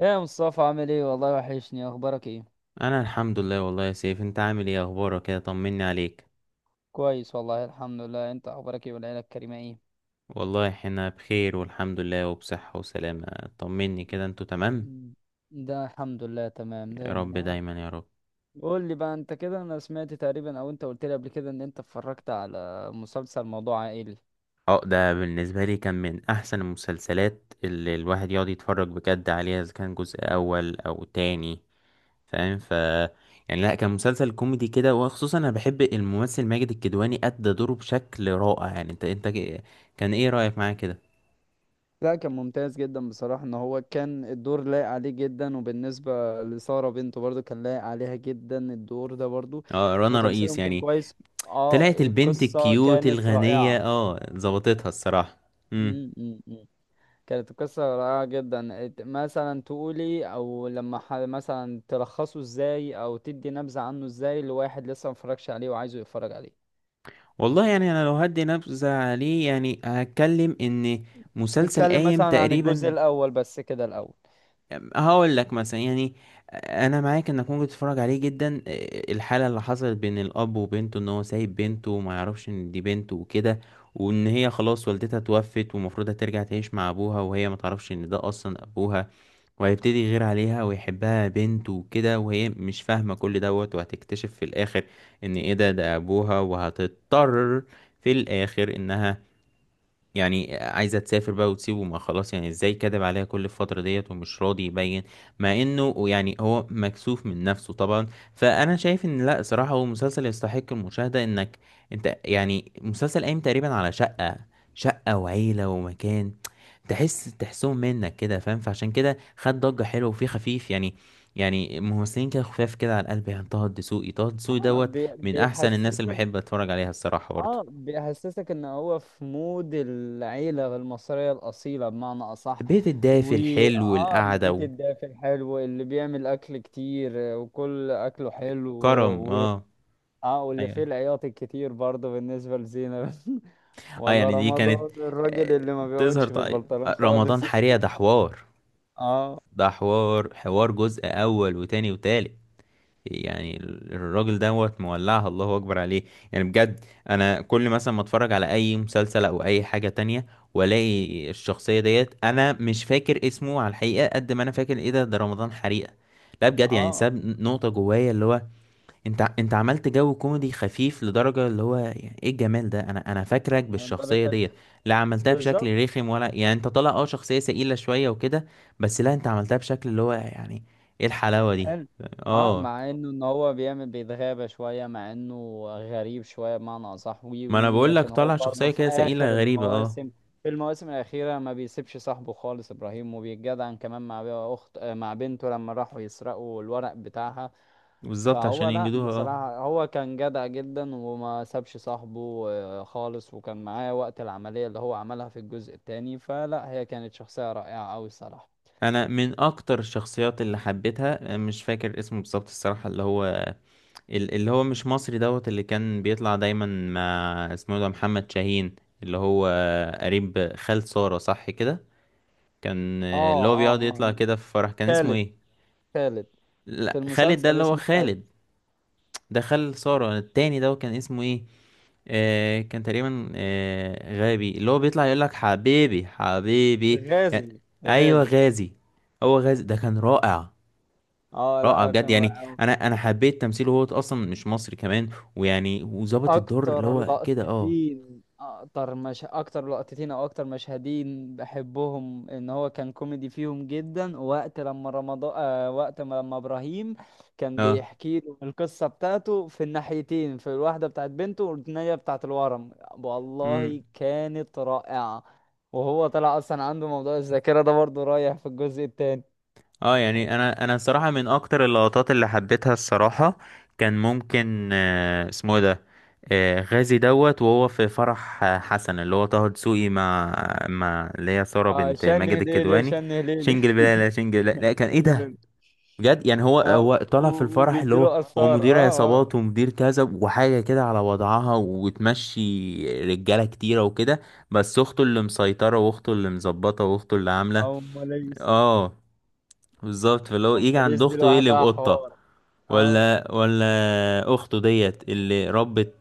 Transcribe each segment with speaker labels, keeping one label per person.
Speaker 1: ايه يا مصطفى؟ عامل ايه؟ والله وحشني. اخبارك ايه؟
Speaker 2: انا الحمد لله، والله يا سيف انت عامل ايه؟ اخبارك كده، طمني عليك.
Speaker 1: كويس والله الحمد لله. انت اخبارك ايه والعيله الكريمه ايه؟
Speaker 2: والله احنا بخير والحمد لله وبصحة وسلامة. طمني كده انتوا تمام.
Speaker 1: مم. ده الحمد لله تمام
Speaker 2: يا
Speaker 1: دايما
Speaker 2: رب
Speaker 1: يا رب.
Speaker 2: دايما يا رب.
Speaker 1: قول لي بقى، انت كده انا سمعت تقريبا او انت قلت لي قبل كده ان انت اتفرجت على مسلسل موضوع عائلي.
Speaker 2: اه، ده بالنسبة لي كان من احسن المسلسلات اللي الواحد يقعد يتفرج بجد عليها، اذا كان جزء اول او تاني. فاهم. يعني لا، كان مسلسل كوميدي كده، وخصوصا انا بحب الممثل ماجد الكدواني، ادى دوره بشكل رائع. يعني انت كان ايه رأيك معاه كده؟
Speaker 1: لا، كان ممتاز جدا بصراحه. ان هو كان الدور لايق عليه جدا، وبالنسبه لساره بنته برضو كان لايق عليها جدا الدور ده برضو.
Speaker 2: اه رنا رئيس
Speaker 1: وتمثيلهم كان
Speaker 2: يعني.
Speaker 1: كويس. اه
Speaker 2: طلعت البنت
Speaker 1: القصه
Speaker 2: الكيوت
Speaker 1: كانت
Speaker 2: الغنية،
Speaker 1: رائعه.
Speaker 2: اه ظبطتها الصراحة. امم.
Speaker 1: مم، مم، مم. كانت القصة رائعة جدا. مثلا تقولي، او لما مثلا تلخصه ازاي، او تدي نبذة عنه ازاي لواحد لسه مفرجش عليه وعايزه يتفرج عليه؟
Speaker 2: والله يعني انا لو هدي نبذة عليه، يعني هتكلم ان مسلسل
Speaker 1: نتكلم
Speaker 2: قايم
Speaker 1: مثلا عن الجزء
Speaker 2: تقريبا.
Speaker 1: الاول بس كده الاول.
Speaker 2: هقول لك مثلا يعني، انا معاك انك ممكن تتفرج عليه جدا. الحالة اللي حصلت بين الاب وبنته، ان هو سايب بنته وما يعرفش ان دي بنته وكده، وان هي خلاص والدتها توفت ومفروض هترجع تعيش مع ابوها، وهي ما تعرفش ان ده اصلا ابوها. وهيبتدي يغير عليها ويحبها بنت وكده، وهي مش فاهمة كل دوت. وهتكتشف في الآخر إن إيه ده، ده أبوها. وهتضطر في الآخر إنها يعني عايزة تسافر بقى وتسيبه، ما خلاص يعني ازاي كدب عليها كل الفترة ديت ومش راضي يبين، مع انه يعني هو مكسوف من نفسه طبعا. فانا شايف ان لا، صراحة هو مسلسل يستحق المشاهدة، انك انت يعني مسلسل قايم تقريبا على شقة وعيلة ومكان، تحسهم منك كده. فاهم؟ فعشان كده خد ضجة حلوة وفيه خفيف يعني، يعني ممثلين كده خفاف كده على القلب. يعني طه الدسوقي
Speaker 1: آه،
Speaker 2: دوت من احسن الناس اللي
Speaker 1: بيحسسك.
Speaker 2: بحب اتفرج عليها الصراحة برضه.
Speaker 1: اه بيحسسك ان هو في مود العيلة المصرية الاصيلة بمعنى اصح.
Speaker 2: بيت الدافي
Speaker 1: و
Speaker 2: الحلو
Speaker 1: اه، البيت
Speaker 2: القعدة،
Speaker 1: الدافي الحلو اللي بيعمل اكل كتير آه، وكل اكله حلو
Speaker 2: كرم
Speaker 1: و...
Speaker 2: اه.
Speaker 1: اه، واللي
Speaker 2: ايوه،
Speaker 1: فيه
Speaker 2: ايوه.
Speaker 1: العياط الكتير برضه بالنسبة لزينة
Speaker 2: اه
Speaker 1: ولا
Speaker 2: يعني دي
Speaker 1: رمضان
Speaker 2: كانت
Speaker 1: الراجل
Speaker 2: آه،
Speaker 1: اللي ما بيقعدش
Speaker 2: تظهر
Speaker 1: في
Speaker 2: طيب.
Speaker 1: البلطران خالص
Speaker 2: رمضان حريقة ده حوار.
Speaker 1: اه.
Speaker 2: ده حوار جزء اول وتاني وتالت. يعني الراجل دوت مولعها، الله اكبر عليه يعني بجد. انا كل مثلا ما اتفرج على اي مسلسل او اي حاجة تانية، والاقي الشخصية ديت، انا مش فاكر اسمه على الحقيقة قد ما انا فاكر ايه ده، ده رمضان حريقة. لا بجد يعني
Speaker 1: اه
Speaker 2: ساب نقطة جوايا اللي هو، انت عملت جو كوميدي خفيف لدرجة اللي هو يعني ايه الجمال ده، انا فاكرك
Speaker 1: يعني درجة
Speaker 2: بالشخصية
Speaker 1: حلو.
Speaker 2: ديت. لا عملتها
Speaker 1: بالظبط.
Speaker 2: بشكل رخم، ولا يعني انت طالع اه شخصية سئيلة شوية وكده، بس لا انت عملتها بشكل اللي هو يعني ايه الحلاوة دي.
Speaker 1: حلو. اه،
Speaker 2: اه.
Speaker 1: مع انه ان هو بيعمل بيتغابى شوية، مع انه غريب شوية بمعنى اصح. وي
Speaker 2: ما انا
Speaker 1: وي وي،
Speaker 2: بقول لك
Speaker 1: لكن هو
Speaker 2: طالع
Speaker 1: برضه
Speaker 2: شخصية
Speaker 1: في
Speaker 2: كده
Speaker 1: اخر
Speaker 2: سئيلة غريبة، اه.
Speaker 1: المواسم، في المواسم الاخيرة ما بيسيبش صاحبه خالص ابراهيم، وبيتجدعن كمان مع اخت آه، مع بنته لما راحوا يسرقوا الورق بتاعها.
Speaker 2: بالظبط،
Speaker 1: فهو
Speaker 2: عشان
Speaker 1: لا
Speaker 2: ينجدوها اه.
Speaker 1: بصراحة هو كان جدع جدا وما سابش صاحبه آه، خالص، وكان معاه وقت العملية اللي هو عملها في الجزء التاني. فلا هي كانت شخصية رائعة أوي الصراحة.
Speaker 2: انا من اكتر الشخصيات اللي حبيتها، مش فاكر اسمه بالظبط الصراحة، اللي هو اللي هو مش مصري دوت، اللي كان بيطلع دايما مع اسمه إيه ده، محمد شاهين. اللي هو قريب خال سارة، صح كده؟ كان
Speaker 1: اه
Speaker 2: اللي هو
Speaker 1: اه
Speaker 2: بيقعد يطلع
Speaker 1: اه.
Speaker 2: كده في فرح، كان اسمه
Speaker 1: خالد.
Speaker 2: ايه؟
Speaker 1: خالد. في
Speaker 2: لا خالد ده
Speaker 1: المسلسل
Speaker 2: اللي هو
Speaker 1: اسمه خالد.
Speaker 2: خالد. ده خال سارة التاني، ده كان اسمه ايه؟ آه كان تقريبا آه غابي، اللي هو بيطلع يقول لك حبيبي حبيبي يعني.
Speaker 1: غازي
Speaker 2: ايوه
Speaker 1: غازي.
Speaker 2: غازي. هو غازي ده كان رائع،
Speaker 1: اه
Speaker 2: رائع
Speaker 1: لا
Speaker 2: بجد
Speaker 1: كان
Speaker 2: يعني.
Speaker 1: رائع.
Speaker 2: انا حبيت تمثيله، هو اصلا مش مصري كمان، ويعني وظابط الدور اللي
Speaker 1: اكتر
Speaker 2: هو كده اه.
Speaker 1: لقطتين، اكتر مش اكتر لقطتين او اكتر مشهدين بحبهم ان هو كان كوميدي فيهم جدا، وقت لما رمضان آه، وقت ما لما ابراهيم كان
Speaker 2: اه.
Speaker 1: بيحكي له القصه بتاعته في الناحيتين، في الواحده بتاعت بنته والثانيه بتاعت الورم،
Speaker 2: امم.
Speaker 1: والله كانت رائعه. وهو طلع اصلا عنده موضوع الذاكره ده برضه رايح في الجزء الثاني.
Speaker 2: اه، يعني انا الصراحه من اكتر اللقطات اللي حبيتها الصراحه، كان ممكن آه اسمه إيه ده، آه غازي دوت، وهو في فرح آه، حسن اللي هو طه دسوقي، مع مع اللي هي ساره
Speaker 1: اه
Speaker 2: بنت
Speaker 1: شن
Speaker 2: ماجد
Speaker 1: هليلي
Speaker 2: الكدواني.
Speaker 1: شن هليلي.
Speaker 2: شنجل بلا لا شنجل لا, لا كان ايه ده. بجد يعني، هو
Speaker 1: اه
Speaker 2: هو طالع في الفرح اللي
Speaker 1: وبيديله
Speaker 2: هو، هو
Speaker 1: اثار،
Speaker 2: مدير
Speaker 1: اه.
Speaker 2: عصابات ومدير كذا وحاجة كده على وضعها، وتمشي رجالة كتيرة وكده، بس أخته اللي مسيطرة، وأخته اللي مظبطة، وأخته اللي عاملة
Speaker 1: اه اماليس.
Speaker 2: اه. بالظبط، فاللي هو يجي
Speaker 1: اماليس
Speaker 2: عند
Speaker 1: دي
Speaker 2: أخته يقلب
Speaker 1: لوحدها
Speaker 2: قطة.
Speaker 1: حوار. اه.
Speaker 2: ولا اخته ديت اللي ربت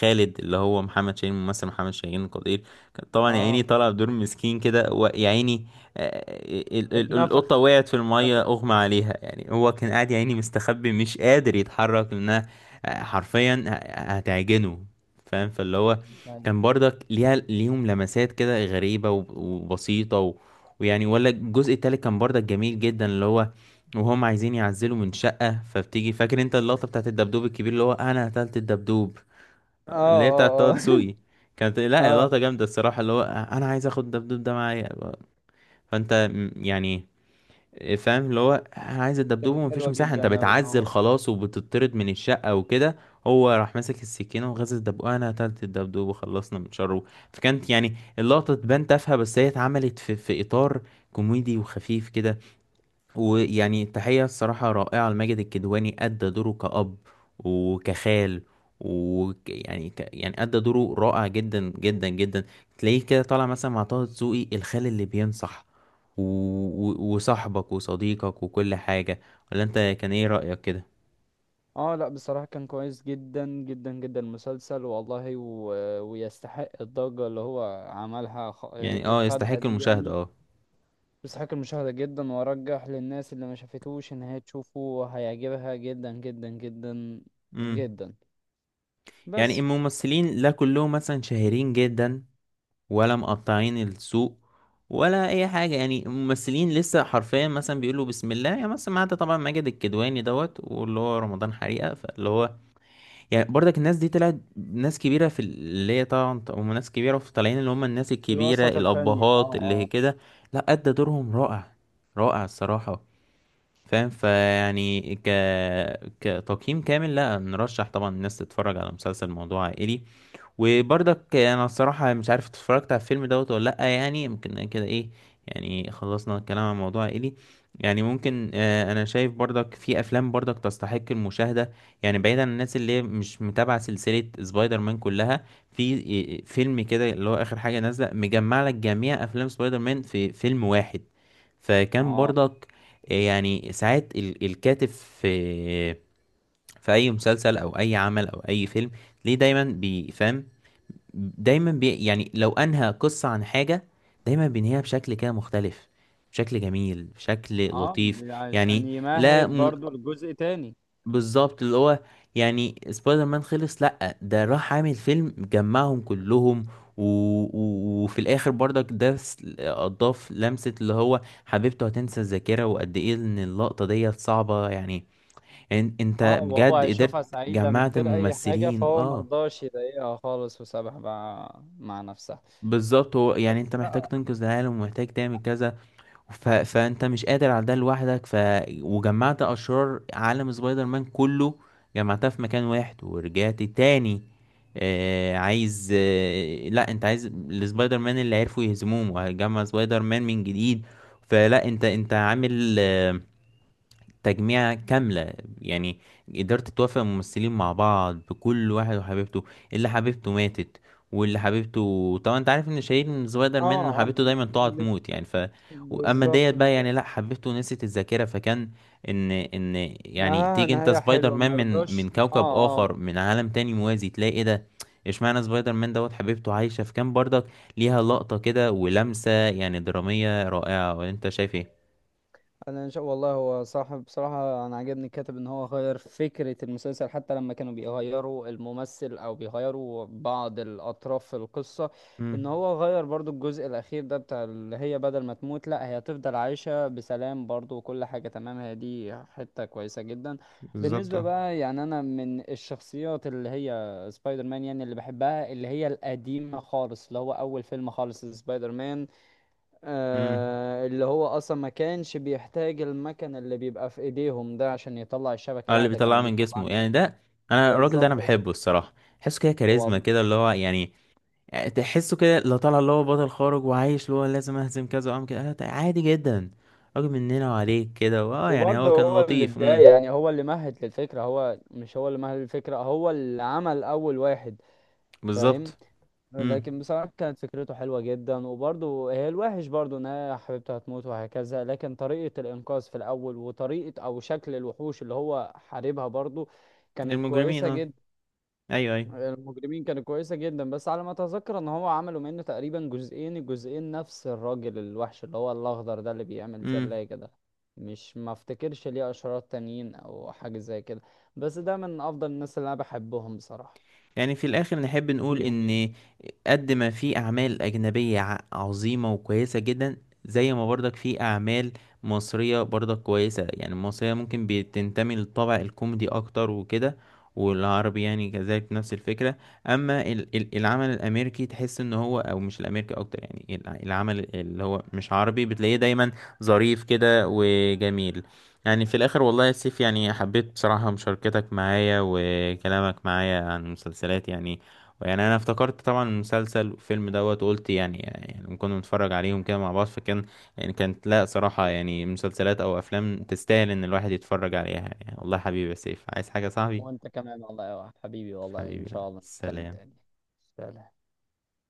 Speaker 2: خالد، اللي هو محمد شاهين، ممثل محمد شاهين القدير، كان طبعا يا عيني
Speaker 1: اه.
Speaker 2: طلع بدور مسكين كده، ويا عيني آه، آه، ال- ال-
Speaker 1: اتنفخ.
Speaker 2: القطه وقعت في الميه،
Speaker 1: اتنفخ.
Speaker 2: اغمى عليها، يعني هو كان قاعد يا عيني مستخبي مش قادر يتحرك، لانها آه، حرفيا هتعجنه. فاهم؟ فاللي هو
Speaker 1: اه.
Speaker 2: كان برضك ليها ليهم لمسات كده غريبه وبسيطه ويعني. ولا الجزء التالت كان برضك جميل جدا، اللي هو وهم عايزين يعزلوا من شقة، فبتيجي فاكر انت اللقطة بتاعت الدبدوب الكبير، اللي هو انا قتلت الدبدوب،
Speaker 1: اه.
Speaker 2: اللي هي بتاعت طه
Speaker 1: اه.
Speaker 2: دسوقي. كانت لا
Speaker 1: اه
Speaker 2: لقطة جامدة الصراحة، اللي هو انا عايز اخد الدبدوب ده معايا. فانت يعني فاهم، اللي هو انا عايز الدبدوب،
Speaker 1: كانت
Speaker 2: ومفيش
Speaker 1: حلوه
Speaker 2: مساحة، انت
Speaker 1: جدا اوي اه
Speaker 2: بتعزل
Speaker 1: والله.
Speaker 2: خلاص وبتطرد من الشقة وكده. هو راح ماسك السكينة وغزل الدبدوب، انا قتلت الدبدوب وخلصنا من شره. فكانت يعني اللقطة تبان تافهة، بس هي اتعملت في، في اطار كوميدي وخفيف كده. ويعني تحية الصراحة رائعة لماجد الكدواني، أدى دوره كأب وكخال، ويعني، يعني أدى دوره رائع جدا جدا جدا. تلاقيه كده طالع مثلا مع طه دسوقي، الخال اللي بينصح و... وصاحبك وصديقك وكل حاجة. ولا أنت، كان إيه رأيك كده؟
Speaker 1: اه لا بصراحه كان كويس جدا جدا جدا المسلسل والله، ويستحق الضجه اللي هو عملها
Speaker 2: يعني
Speaker 1: اللي
Speaker 2: اه
Speaker 1: خدها
Speaker 2: يستحق
Speaker 1: دي
Speaker 2: المشاهدة
Speaker 1: يعني.
Speaker 2: اه.
Speaker 1: يستحق المشاهده جدا، وارجح للناس اللي ما شافتوش ان هي تشوفه هيعجبها جدا جدا جدا
Speaker 2: امم.
Speaker 1: جدا.
Speaker 2: يعني
Speaker 1: بس.
Speaker 2: الممثلين لا كلهم مثلا شهيرين جدا، ولا مقطعين السوق، ولا اي حاجه، يعني ممثلين لسه حرفيا مثلا بيقولوا بسم الله، يعني مثلا ما عدا طبعا ماجد الكدواني دوت، واللي هو رمضان حريقه، فاللي هو يعني برضك الناس دي طلعت ناس كبيره في اللي هي طبعا هم ناس كبيره، في طالعين اللي هم الناس الكبيره
Speaker 1: الوسط الفني،
Speaker 2: الابهات
Speaker 1: اه
Speaker 2: اللي هي
Speaker 1: اه.
Speaker 2: كده. لا ادى دورهم رائع، رائع الصراحه. فاهم؟ فيعني، كتقييم كامل لا نرشح طبعا الناس تتفرج على مسلسل موضوع عائلي. وبرضك انا الصراحة مش عارف اتفرجت على الفيلم دوت ولا لأ، يعني يمكن كده ايه. يعني خلصنا الكلام عن موضوع عائلي. يعني ممكن آه، انا شايف برضك في افلام برضك تستحق المشاهدة، يعني بعيدا عن الناس اللي هي مش متابعة سلسلة سبايدر مان كلها، في إيه، فيلم كده اللي هو اخر حاجة نازلة، مجمع لك جميع افلام سبايدر مان في فيلم واحد. فكان
Speaker 1: اه
Speaker 2: برضك آه، يعني ساعات الكاتب في آه، في اي مسلسل او اي عمل او اي فيلم، ليه دايما بيفهم، دايما يعني لو انهى قصة عن حاجة، دايما بينهيها بشكل كده مختلف، بشكل جميل بشكل
Speaker 1: اه
Speaker 2: لطيف.
Speaker 1: عشان
Speaker 2: يعني لا
Speaker 1: يمهد
Speaker 2: م...
Speaker 1: برضو لجزء تاني.
Speaker 2: بالظبط، اللي هو يعني سبايدر مان خلص، لا ده راح عامل فيلم جمعهم كلهم. و... وفي الاخر برضك ده اضاف لمسة، اللي هو حبيبته هتنسى الذاكرة، وقد ايه ان اللقطة ديت صعبة يعني. انت
Speaker 1: اه، وهو
Speaker 2: بجد قدرت
Speaker 1: هيشوفها سعيدة من
Speaker 2: جمعت
Speaker 1: غير أي حاجة،
Speaker 2: الممثلين
Speaker 1: فهو
Speaker 2: اه.
Speaker 1: مرضاش يضايقها خالص وسابها بقى مع نفسها.
Speaker 2: بالظبط، هو يعني انت
Speaker 1: بس
Speaker 2: محتاج
Speaker 1: لا.
Speaker 2: تنقذ العالم ومحتاج تعمل كذا، فانت مش قادر على ده لوحدك، وجمعت اشرار عالم سبايدر مان كله، جمعتها في مكان واحد، ورجعت تاني آه عايز آه، لا انت عايز السبايدر مان اللي عرفوا يهزموهم، وهتجمع سبايدر مان من جديد. فلا انت عامل آه، تجميعة كاملة يعني. قدرت توافق الممثلين مع بعض، بكل واحد وحبيبته، اللي حبيبته ماتت، واللي حبيبته طبعا انت عارف ان شيرين من سبايدر مان
Speaker 1: اه
Speaker 2: إنه
Speaker 1: اه
Speaker 2: حبيبته دايما تقعد تموت يعني. ف اما
Speaker 1: بالظبط
Speaker 2: ديت بقى يعني
Speaker 1: بالظبط.
Speaker 2: لا، حبيبته نسيت الذاكرة، فكان ان يعني
Speaker 1: نهاية،
Speaker 2: تيجي انت
Speaker 1: نهاية
Speaker 2: سبايدر
Speaker 1: حلوة،
Speaker 2: مان من
Speaker 1: مرضاش،
Speaker 2: كوكب
Speaker 1: اه اه.
Speaker 2: اخر، من عالم تاني موازي، تلاقي ايه ده، اشمعنى سبايدر مان دوت حبيبته عايشة. فكان برضك ليها لقطة كده ولمسة يعني درامية رائعة. وانت شايف ايه؟
Speaker 1: انا ان شاء والله. هو صاحب بصراحه انا عجبني الكاتب، ان هو غير فكره المسلسل حتى لما كانوا بيغيروا الممثل او بيغيروا بعض الاطراف في القصه. ان
Speaker 2: امم.
Speaker 1: هو غير برضو الجزء الاخير ده بتاع اللي هي بدل ما تموت، لا هي هتفضل عايشه بسلام برضو وكل حاجه تمام. هي دي حته كويسه جدا.
Speaker 2: بالظبط
Speaker 1: بالنسبه
Speaker 2: اه.
Speaker 1: بقى يعني انا من الشخصيات اللي هي سبايدر مان يعني اللي بحبها، اللي هي القديمه خالص، اللي هو اول فيلم خالص سبايدر مان.
Speaker 2: مم.
Speaker 1: آه اللي هو اصلا ما كانش بيحتاج المكن اللي بيبقى في ايديهم ده عشان يطلع الشبكة،
Speaker 2: اه
Speaker 1: لا
Speaker 2: اللي
Speaker 1: ده
Speaker 2: بيطلعه
Speaker 1: كان
Speaker 2: من
Speaker 1: بيطلع
Speaker 2: جسمه يعني ده. انا الراجل ده انا
Speaker 1: بالظبط ده.
Speaker 2: بحبه الصراحه، تحسه كده كاريزما
Speaker 1: والله،
Speaker 2: كده اللي هو يعني آه، تحسه كده، لا طالع اللي هو بطل خارج وعايش، اللي هو لازم اهزم كذا وعم كده، لا، ده عادي جدا، راجل مننا وعليك كده، واه يعني
Speaker 1: وبرضه
Speaker 2: هو كان
Speaker 1: هو اللي
Speaker 2: لطيف. امم.
Speaker 1: بداية يعني هو اللي مهد للفكرة، هو مش هو اللي مهد للفكرة، هو اللي عمل اول واحد. فاهم.
Speaker 2: بالظبط. امم.
Speaker 1: لكن بصراحة كانت فكرته حلوة جدا. وبرضه هي الوحش برضه ان هي حبيبته هتموت وهكذا، لكن طريقة الانقاذ في الاول وطريقة او شكل الوحوش اللي هو حاربها برضه كانت
Speaker 2: المجرمين
Speaker 1: كويسة
Speaker 2: اه.
Speaker 1: جدا.
Speaker 2: ايوه، ايوه.
Speaker 1: المجرمين كانت كويسة جدا. بس على ما اتذكر ان هو عملوا منه تقريبا جزئين، الجزئين نفس الراجل الوحش اللي هو الاخضر ده اللي بيعمل
Speaker 2: امم.
Speaker 1: زلاجة ده. مش ما افتكرش ليه اشرار تانيين او حاجة زي كده. بس ده من افضل الناس اللي انا بحبهم بصراحة
Speaker 2: يعني في الآخر نحب نقول
Speaker 1: فيهم يعني.
Speaker 2: إن قد ما في أعمال أجنبية عظيمة وكويسة جدا، زي ما برضك في أعمال مصرية برضك كويسة، يعني المصرية ممكن بتنتمي للطابع الكوميدي أكتر وكده، والعربي يعني كذلك نفس الفكرة. أما العمل الأمريكي، تحس إن هو أو مش الأمريكي أكتر، يعني العمل اللي هو مش عربي، بتلاقيه دايما ظريف كده وجميل. يعني في الاخر والله يا سيف، يعني حبيت بصراحة مشاركتك معايا وكلامك معايا عن المسلسلات. يعني يعني انا افتكرت طبعا المسلسل والفيلم دوت، وقلت يعني يعني كنا بنتفرج عليهم كده مع بعض، فكان يعني كانت لا صراحة يعني مسلسلات او افلام تستاهل ان الواحد يتفرج عليها. يعني والله حبيبي يا سيف، عايز حاجة يا صاحبي؟
Speaker 1: وانت كمان والله يا واحد حبيبي، والله ان
Speaker 2: حبيبي،
Speaker 1: شاء الله نتكلم
Speaker 2: سلام.
Speaker 1: تاني. سلام.